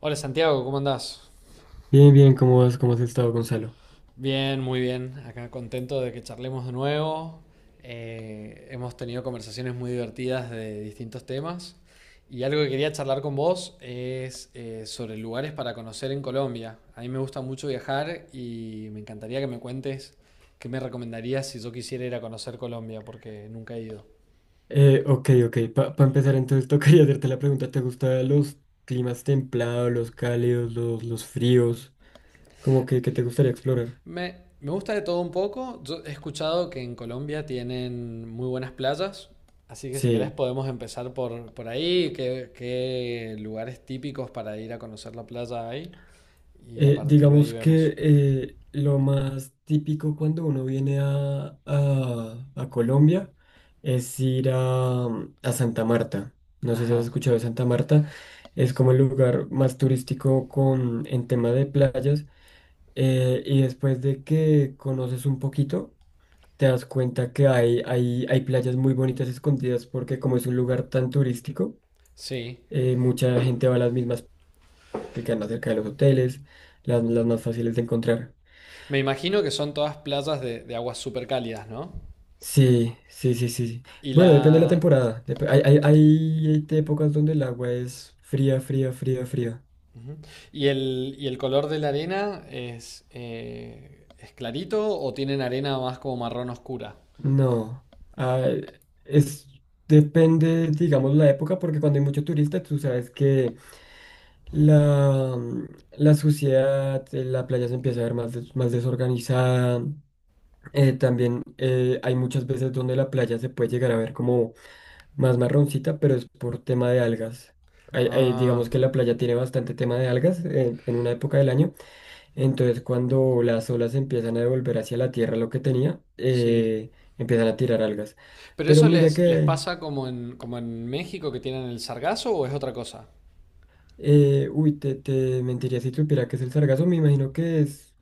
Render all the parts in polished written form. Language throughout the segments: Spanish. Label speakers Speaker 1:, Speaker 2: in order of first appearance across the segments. Speaker 1: Hola Santiago, ¿cómo andás?
Speaker 2: Bien, bien, ¿cómo vas? ¿Cómo has estado, Gonzalo?
Speaker 1: Bien, muy bien. Acá contento de que charlemos de nuevo. Hemos tenido conversaciones muy divertidas de distintos temas. Y algo que quería charlar con vos es sobre lugares para conocer en Colombia. A mí me gusta mucho viajar y me encantaría que me cuentes qué me recomendarías si yo quisiera ir a conocer Colombia, porque nunca he ido.
Speaker 2: Ok, ok. Para empezar, entonces tocaría hacerte la pregunta, ¿te gustan los climas templados, los cálidos, los fríos? ¿Cómo que te gustaría explorar?
Speaker 1: Me gusta de todo un poco. Yo he escuchado que en Colombia tienen muy buenas playas, así que si querés
Speaker 2: Sí.
Speaker 1: podemos empezar por ahí, qué lugares típicos para ir a conocer la playa hay, y a
Speaker 2: Eh,
Speaker 1: partir de ahí
Speaker 2: digamos
Speaker 1: vemos.
Speaker 2: que eh, lo más típico cuando uno viene a Colombia es ir a Santa Marta. No sé si has
Speaker 1: Ajá,
Speaker 2: escuchado de Santa Marta. Es como el lugar más turístico con, en tema de playas. Y después de que conoces un poquito, te das cuenta que hay playas muy bonitas escondidas porque como es un lugar tan turístico,
Speaker 1: sí.
Speaker 2: mucha gente va a las mismas que quedan más cerca de los hoteles, las más fáciles de encontrar.
Speaker 1: Me imagino que son todas playas de aguas súper cálidas, ¿no?
Speaker 2: Sí, sí, sí, sí, sí.
Speaker 1: Y
Speaker 2: Bueno, depende de la
Speaker 1: la,
Speaker 2: temporada. Hay, hay, hay épocas donde el agua es fría, fría, fría, fría.
Speaker 1: y el color de la arena es clarito o tienen arena más como marrón oscura.
Speaker 2: No, ah, es, depende, digamos, la época, porque cuando hay mucho turista, tú sabes que la, mm, la suciedad, la playa se empieza a ver más, más desorganizada. También hay muchas veces donde la playa se puede llegar a ver como más marroncita, pero es por tema de algas.
Speaker 1: Ah,
Speaker 2: Digamos que la playa tiene bastante tema de algas en una época del año, entonces cuando las olas empiezan a devolver hacia la tierra lo que tenía,
Speaker 1: sí.
Speaker 2: empiezan a tirar algas.
Speaker 1: ¿Pero
Speaker 2: Pero
Speaker 1: eso
Speaker 2: mira
Speaker 1: les
Speaker 2: que,
Speaker 1: pasa como en, como en México que tienen el sargazo o es otra cosa?
Speaker 2: uy, te mentiría si supiera que es el sargazo, me imagino que es...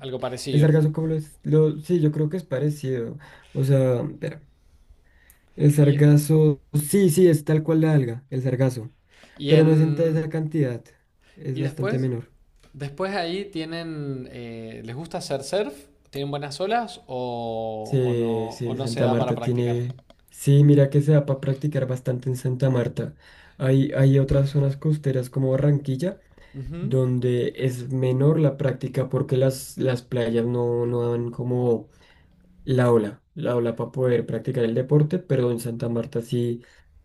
Speaker 1: Algo
Speaker 2: El
Speaker 1: parecido.
Speaker 2: sargazo, como lo es? Lo, sí, yo creo que es parecido. O sea, espera, el
Speaker 1: Y,
Speaker 2: sargazo, sí, sí, es tal cual la alga, el sargazo,
Speaker 1: y
Speaker 2: pero no es en esa
Speaker 1: en.
Speaker 2: cantidad, es
Speaker 1: Y
Speaker 2: bastante
Speaker 1: después.
Speaker 2: menor.
Speaker 1: Después ahí tienen. ¿Les gusta hacer surf? ¿Tienen buenas olas?
Speaker 2: Sí,
Speaker 1: O
Speaker 2: sí,
Speaker 1: no se
Speaker 2: Santa
Speaker 1: da para
Speaker 2: Marta
Speaker 1: practicar.
Speaker 2: tiene. Sí, mira que se da para practicar bastante en Santa Marta. Hay otras zonas costeras como Barranquilla,
Speaker 1: Ujú.
Speaker 2: donde es menor la práctica porque las playas no, no dan como la ola para poder practicar el deporte, pero en Santa Marta sí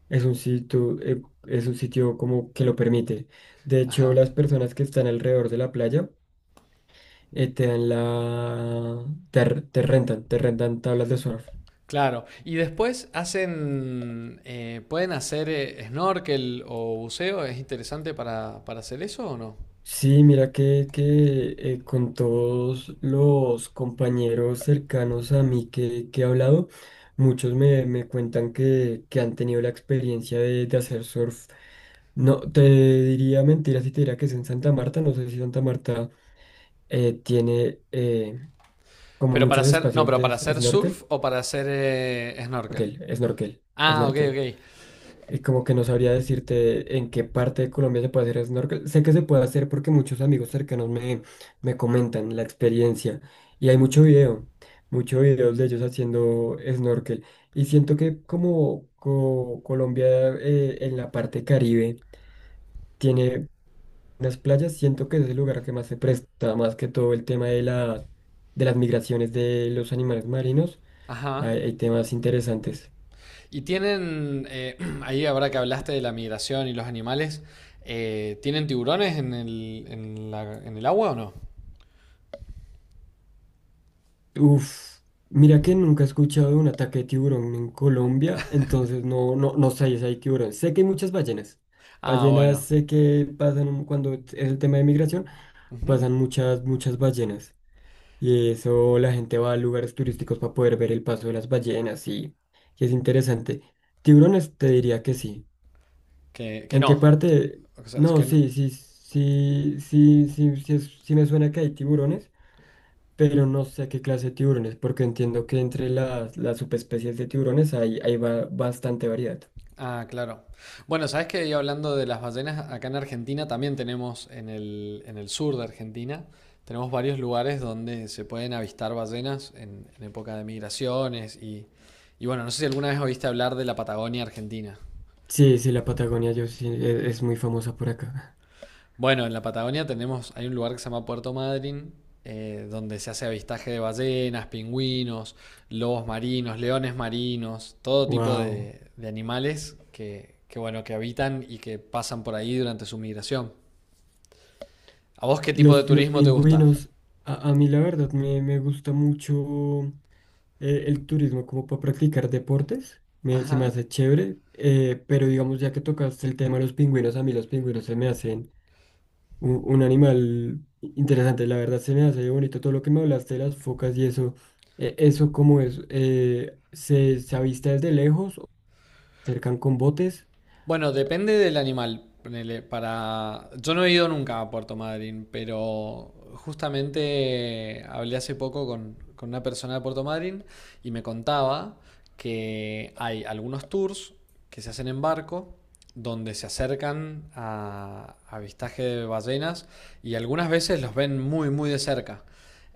Speaker 2: es un sitio, eh, es un sitio como que lo permite. De hecho,
Speaker 1: Ajá.
Speaker 2: las personas que están alrededor de la playa te dan la, te rentan tablas de surf.
Speaker 1: Claro. Y después hacen. ¿Pueden hacer snorkel o buceo? ¿Es interesante para hacer eso o no?
Speaker 2: Sí, mira que, que con todos los compañeros cercanos a mí que he hablado, muchos me, me cuentan que han tenido la experiencia de hacer surf. No, te diría mentira si te diría que es en Santa Marta. No sé si Santa Marta tiene como
Speaker 1: Pero para
Speaker 2: muchos
Speaker 1: hacer, no,
Speaker 2: espacios
Speaker 1: pero
Speaker 2: de
Speaker 1: para hacer
Speaker 2: snorkel.
Speaker 1: surf o para hacer snorkel.
Speaker 2: Snorkel, snorkel,
Speaker 1: Ah, ok,
Speaker 2: snorkel.
Speaker 1: ok.
Speaker 2: Y como que no sabría decirte en qué parte de Colombia se puede hacer snorkel. Sé que se puede hacer porque muchos amigos cercanos me, me comentan la experiencia. Y hay mucho
Speaker 1: Mm,
Speaker 2: video, mucho videos de ellos haciendo snorkel. Y siento que como Colombia en la parte Caribe tiene unas playas, siento que es el lugar que más se presta, más que todo el tema de la, de las migraciones de los animales marinos.
Speaker 1: ajá.
Speaker 2: Hay temas interesantes.
Speaker 1: Y tienen, ahí ahora que hablaste de la migración y los animales, ¿tienen tiburones en el, en el agua o no?
Speaker 2: Uf, mira que nunca he escuchado de un ataque de tiburón en Colombia, entonces no, no, no sé si hay tiburón. Sé que hay muchas ballenas.
Speaker 1: Ah,
Speaker 2: Ballenas
Speaker 1: bueno.
Speaker 2: sé que pasan cuando es el tema de migración,
Speaker 1: Ujú.
Speaker 2: pasan muchas, muchas ballenas. Y eso la gente va a lugares turísticos para poder ver el paso de las ballenas y es interesante. Tiburones te diría que sí.
Speaker 1: Que
Speaker 2: ¿En
Speaker 1: no.
Speaker 2: qué parte?
Speaker 1: O sea, es
Speaker 2: No,
Speaker 1: que no.
Speaker 2: sí, sí, sí, sí, sí, sí, sí me suena que hay tiburones pero no sé qué clase de tiburones, porque entiendo que entre las subespecies de tiburones hay, hay bastante variedad.
Speaker 1: Ah, claro. Bueno, sabes que hablando de las ballenas, acá en Argentina también tenemos, en el sur de Argentina, tenemos varios lugares donde se pueden avistar ballenas en época de migraciones y bueno, no sé si alguna vez oíste hablar de la Patagonia Argentina.
Speaker 2: Sí, sí, la Patagonia yo sí, es, muy famosa por acá.
Speaker 1: Bueno, en la Patagonia tenemos, hay un lugar que se llama Puerto Madryn, donde se hace avistaje de ballenas, pingüinos, lobos marinos, leones marinos, todo tipo
Speaker 2: Wow.
Speaker 1: de animales que, bueno, que habitan y que pasan por ahí durante su migración. ¿A vos qué tipo de
Speaker 2: Los
Speaker 1: turismo te gusta?
Speaker 2: pingüinos, a mí la verdad me, me gusta mucho, el turismo como para practicar deportes. Me, se me
Speaker 1: Ajá.
Speaker 2: hace chévere, pero digamos, ya que tocaste el tema de los pingüinos, a mí los pingüinos se me hacen un animal interesante. La verdad se me hace bonito todo lo que me hablaste de las focas y eso. ¿Eso cómo es? ¿Se, se avista desde lejos o se acercan con botes?
Speaker 1: Bueno, depende del animal. Ponele, para... Yo no he ido nunca a Puerto Madryn, pero justamente hablé hace poco con una persona de Puerto Madryn y me contaba que hay algunos tours que se hacen en barco donde se acercan a avistaje de ballenas y algunas veces los ven muy, muy de cerca.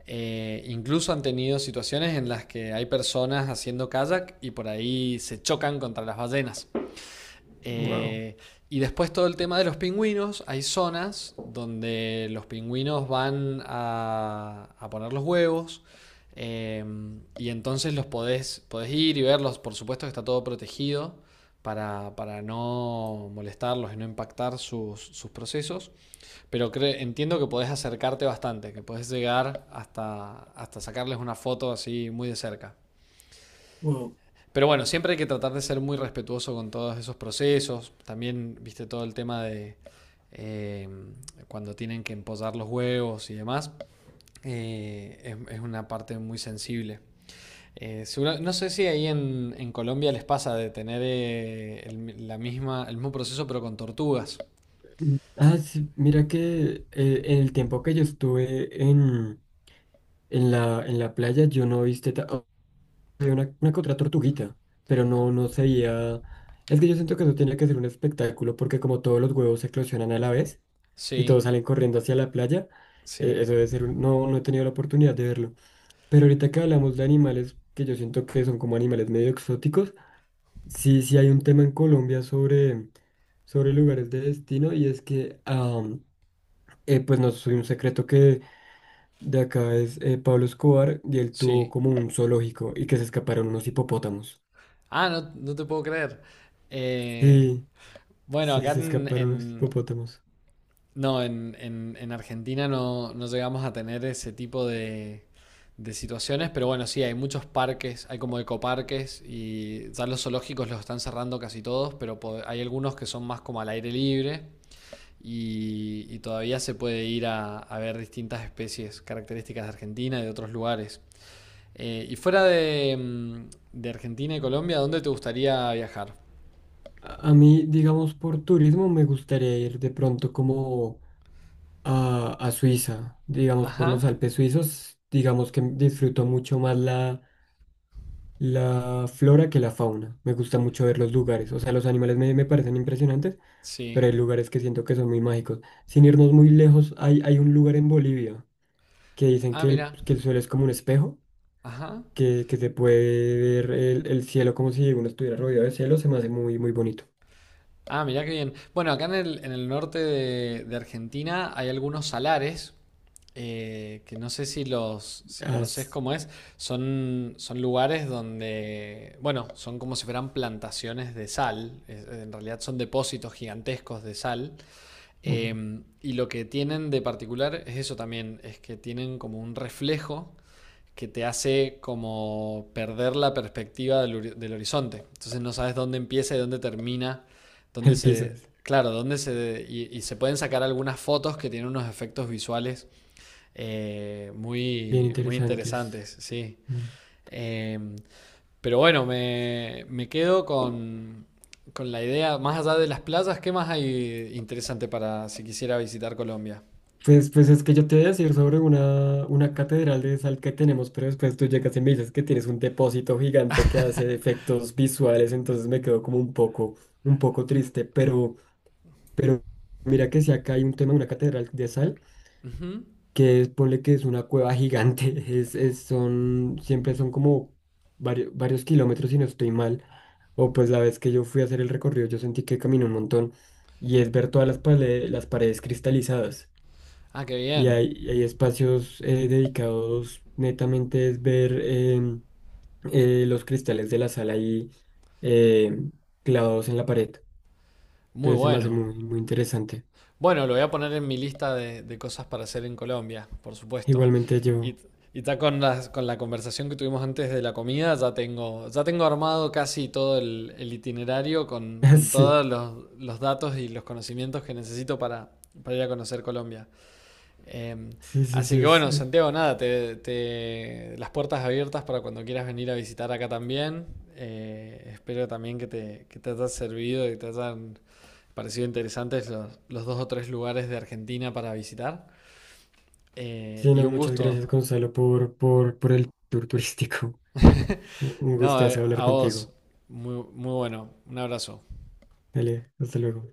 Speaker 1: Incluso han tenido situaciones en las que hay personas haciendo kayak y por ahí se chocan contra las ballenas.
Speaker 2: Wow.
Speaker 1: Eh, y después todo el tema de los pingüinos, hay zonas donde los pingüinos van a poner los huevos eh, y entonces los podés, podés ir y verlos, por supuesto que está todo protegido para no molestarlos y no impactar sus, sus procesos, pero cre- entiendo que podés acercarte bastante, que podés llegar hasta, hasta sacarles una foto así muy de cerca.
Speaker 2: Wow.
Speaker 1: Pero bueno, siempre hay que tratar de ser muy respetuoso con todos esos procesos. También, viste, todo el tema de eh, cuando tienen que empollar los huevos y demás. Es una parte muy sensible. Seguro- no sé si ahí en Colombia les pasa de tener el, la misma, el mismo proceso pero con tortugas.
Speaker 2: Mm. Ah, sí, mira que en el tiempo que yo estuve en la playa, yo no viste, había una que otra tortuguita, pero no, no se veía. Es que yo siento que eso tiene que ser un espectáculo, porque como todos los huevos se eclosionan a la vez y
Speaker 1: Sí,
Speaker 2: todos salen corriendo hacia la playa,
Speaker 1: sí,
Speaker 2: eso debe ser no, no he tenido la oportunidad de verlo. Pero ahorita que hablamos de animales, que yo siento que son como animales medio exóticos, sí, sí hay un tema en Colombia sobre, sobre lugares de destino y es que, pues no soy un secreto que de acá es Pablo Escobar y él tuvo
Speaker 1: sí.
Speaker 2: como un zoológico y que se escaparon unos hipopótamos.
Speaker 1: Ah, no, no te puedo creer. Eh,
Speaker 2: Sí.
Speaker 1: bueno,
Speaker 2: Sí,
Speaker 1: acá
Speaker 2: se escaparon los
Speaker 1: en-
Speaker 2: hipopótamos.
Speaker 1: No, en Argentina no, no llegamos a tener ese tipo de situaciones, pero bueno, sí, hay muchos parques, hay como ecoparques y ya los zoológicos los están cerrando casi todos, pero po- hay algunos que son más como al aire libre y todavía se puede ir a ver distintas especies características de Argentina y de otros lugares. Y fuera de, de Argentina y Colombia, ¿dónde te gustaría viajar?
Speaker 2: A mí, digamos, por turismo me gustaría ir de pronto como a Suiza, digamos, por los
Speaker 1: Ajá,
Speaker 2: Alpes suizos, digamos que disfruto mucho más la, la flora que la fauna. Me gusta mucho ver los lugares, o sea, los animales me, me parecen impresionantes,
Speaker 1: sí.
Speaker 2: pero hay lugares que siento que son muy mágicos. Sin irnos muy lejos, hay un lugar en Bolivia que dicen
Speaker 1: Ah, mira.
Speaker 2: que el suelo es como un espejo.
Speaker 1: Ajá.
Speaker 2: Que se puede ver el cielo como si uno estuviera rodeado de cielo, se me hace muy, muy bonito.
Speaker 1: Ah, mirá qué bien. Bueno, acá en el norte de Argentina hay algunos salares que no sé si los, si conocés
Speaker 2: As-
Speaker 1: cómo es. Son lugares donde, bueno, son como si fueran plantaciones de sal. Es- en realidad son depósitos gigantescos de sal. Y lo que tienen de particular es eso también, es que tienen como un reflejo que te hace como perder la perspectiva del, del horizonte. Entonces no sabes dónde empieza y dónde termina, dónde
Speaker 2: el piso,
Speaker 1: se... Claro, dónde se... Y, y se pueden sacar algunas fotos que tienen unos efectos visuales
Speaker 2: bien
Speaker 1: muy, muy
Speaker 2: interesantes.
Speaker 1: interesantes, sí.
Speaker 2: Mm.
Speaker 1: Eh, pero bueno, me quedo con la idea, más allá de las playas, ¿qué más hay interesante para si quisiera visitar Colombia?
Speaker 2: Pues, pues es que yo te voy a decir sobre una catedral de sal que tenemos, pero después tú llegas y me dices que tienes un depósito gigante que hace efectos visuales, entonces me quedo como un poco triste, pero mira que si acá hay un tema de una catedral de sal
Speaker 1: Ujú.
Speaker 2: que es, ponle que es una cueva gigante, es, siempre son como varios, varios kilómetros si no estoy mal, o pues la vez que yo fui a hacer el recorrido yo sentí que caminé un montón, y es ver todas las, las paredes cristalizadas,
Speaker 1: Ah, qué
Speaker 2: y
Speaker 1: bien.
Speaker 2: hay espacios dedicados netamente es ver los cristales de la sala ahí em, clavados en la pared,
Speaker 1: Muy
Speaker 2: entonces se me hace
Speaker 1: bueno.
Speaker 2: muy, muy interesante.
Speaker 1: Bueno, lo voy a poner en mi lista de cosas para hacer en Colombia, por supuesto.
Speaker 2: Igualmente
Speaker 1: Y,
Speaker 2: yo,
Speaker 1: y ya con las- con la conversación que tuvimos antes de la comida, ya tengo armado casi todo el itinerario con
Speaker 2: sí,
Speaker 1: todos los datos y los conocimientos que necesito para ir a conocer Colombia. Em,
Speaker 2: sí, sí,
Speaker 1: Así
Speaker 2: sí,
Speaker 1: que
Speaker 2: es,
Speaker 1: bueno, Santiago, nada, te- las puertas abiertas para cuando quieras venir a visitar acá también. Espero también que te haya servido y te hayan Pareció interesantes los dos o tres lugares de Argentina para visitar.
Speaker 2: Sí,
Speaker 1: Y
Speaker 2: no,
Speaker 1: un
Speaker 2: muchas gracias,
Speaker 1: gusto.
Speaker 2: Gonzalo, por el tour turístico. Un
Speaker 1: No,
Speaker 2: gustazo hablar
Speaker 1: a vos.
Speaker 2: contigo.
Speaker 1: Muy, muy bueno. Un abrazo.
Speaker 2: Dale, hasta luego.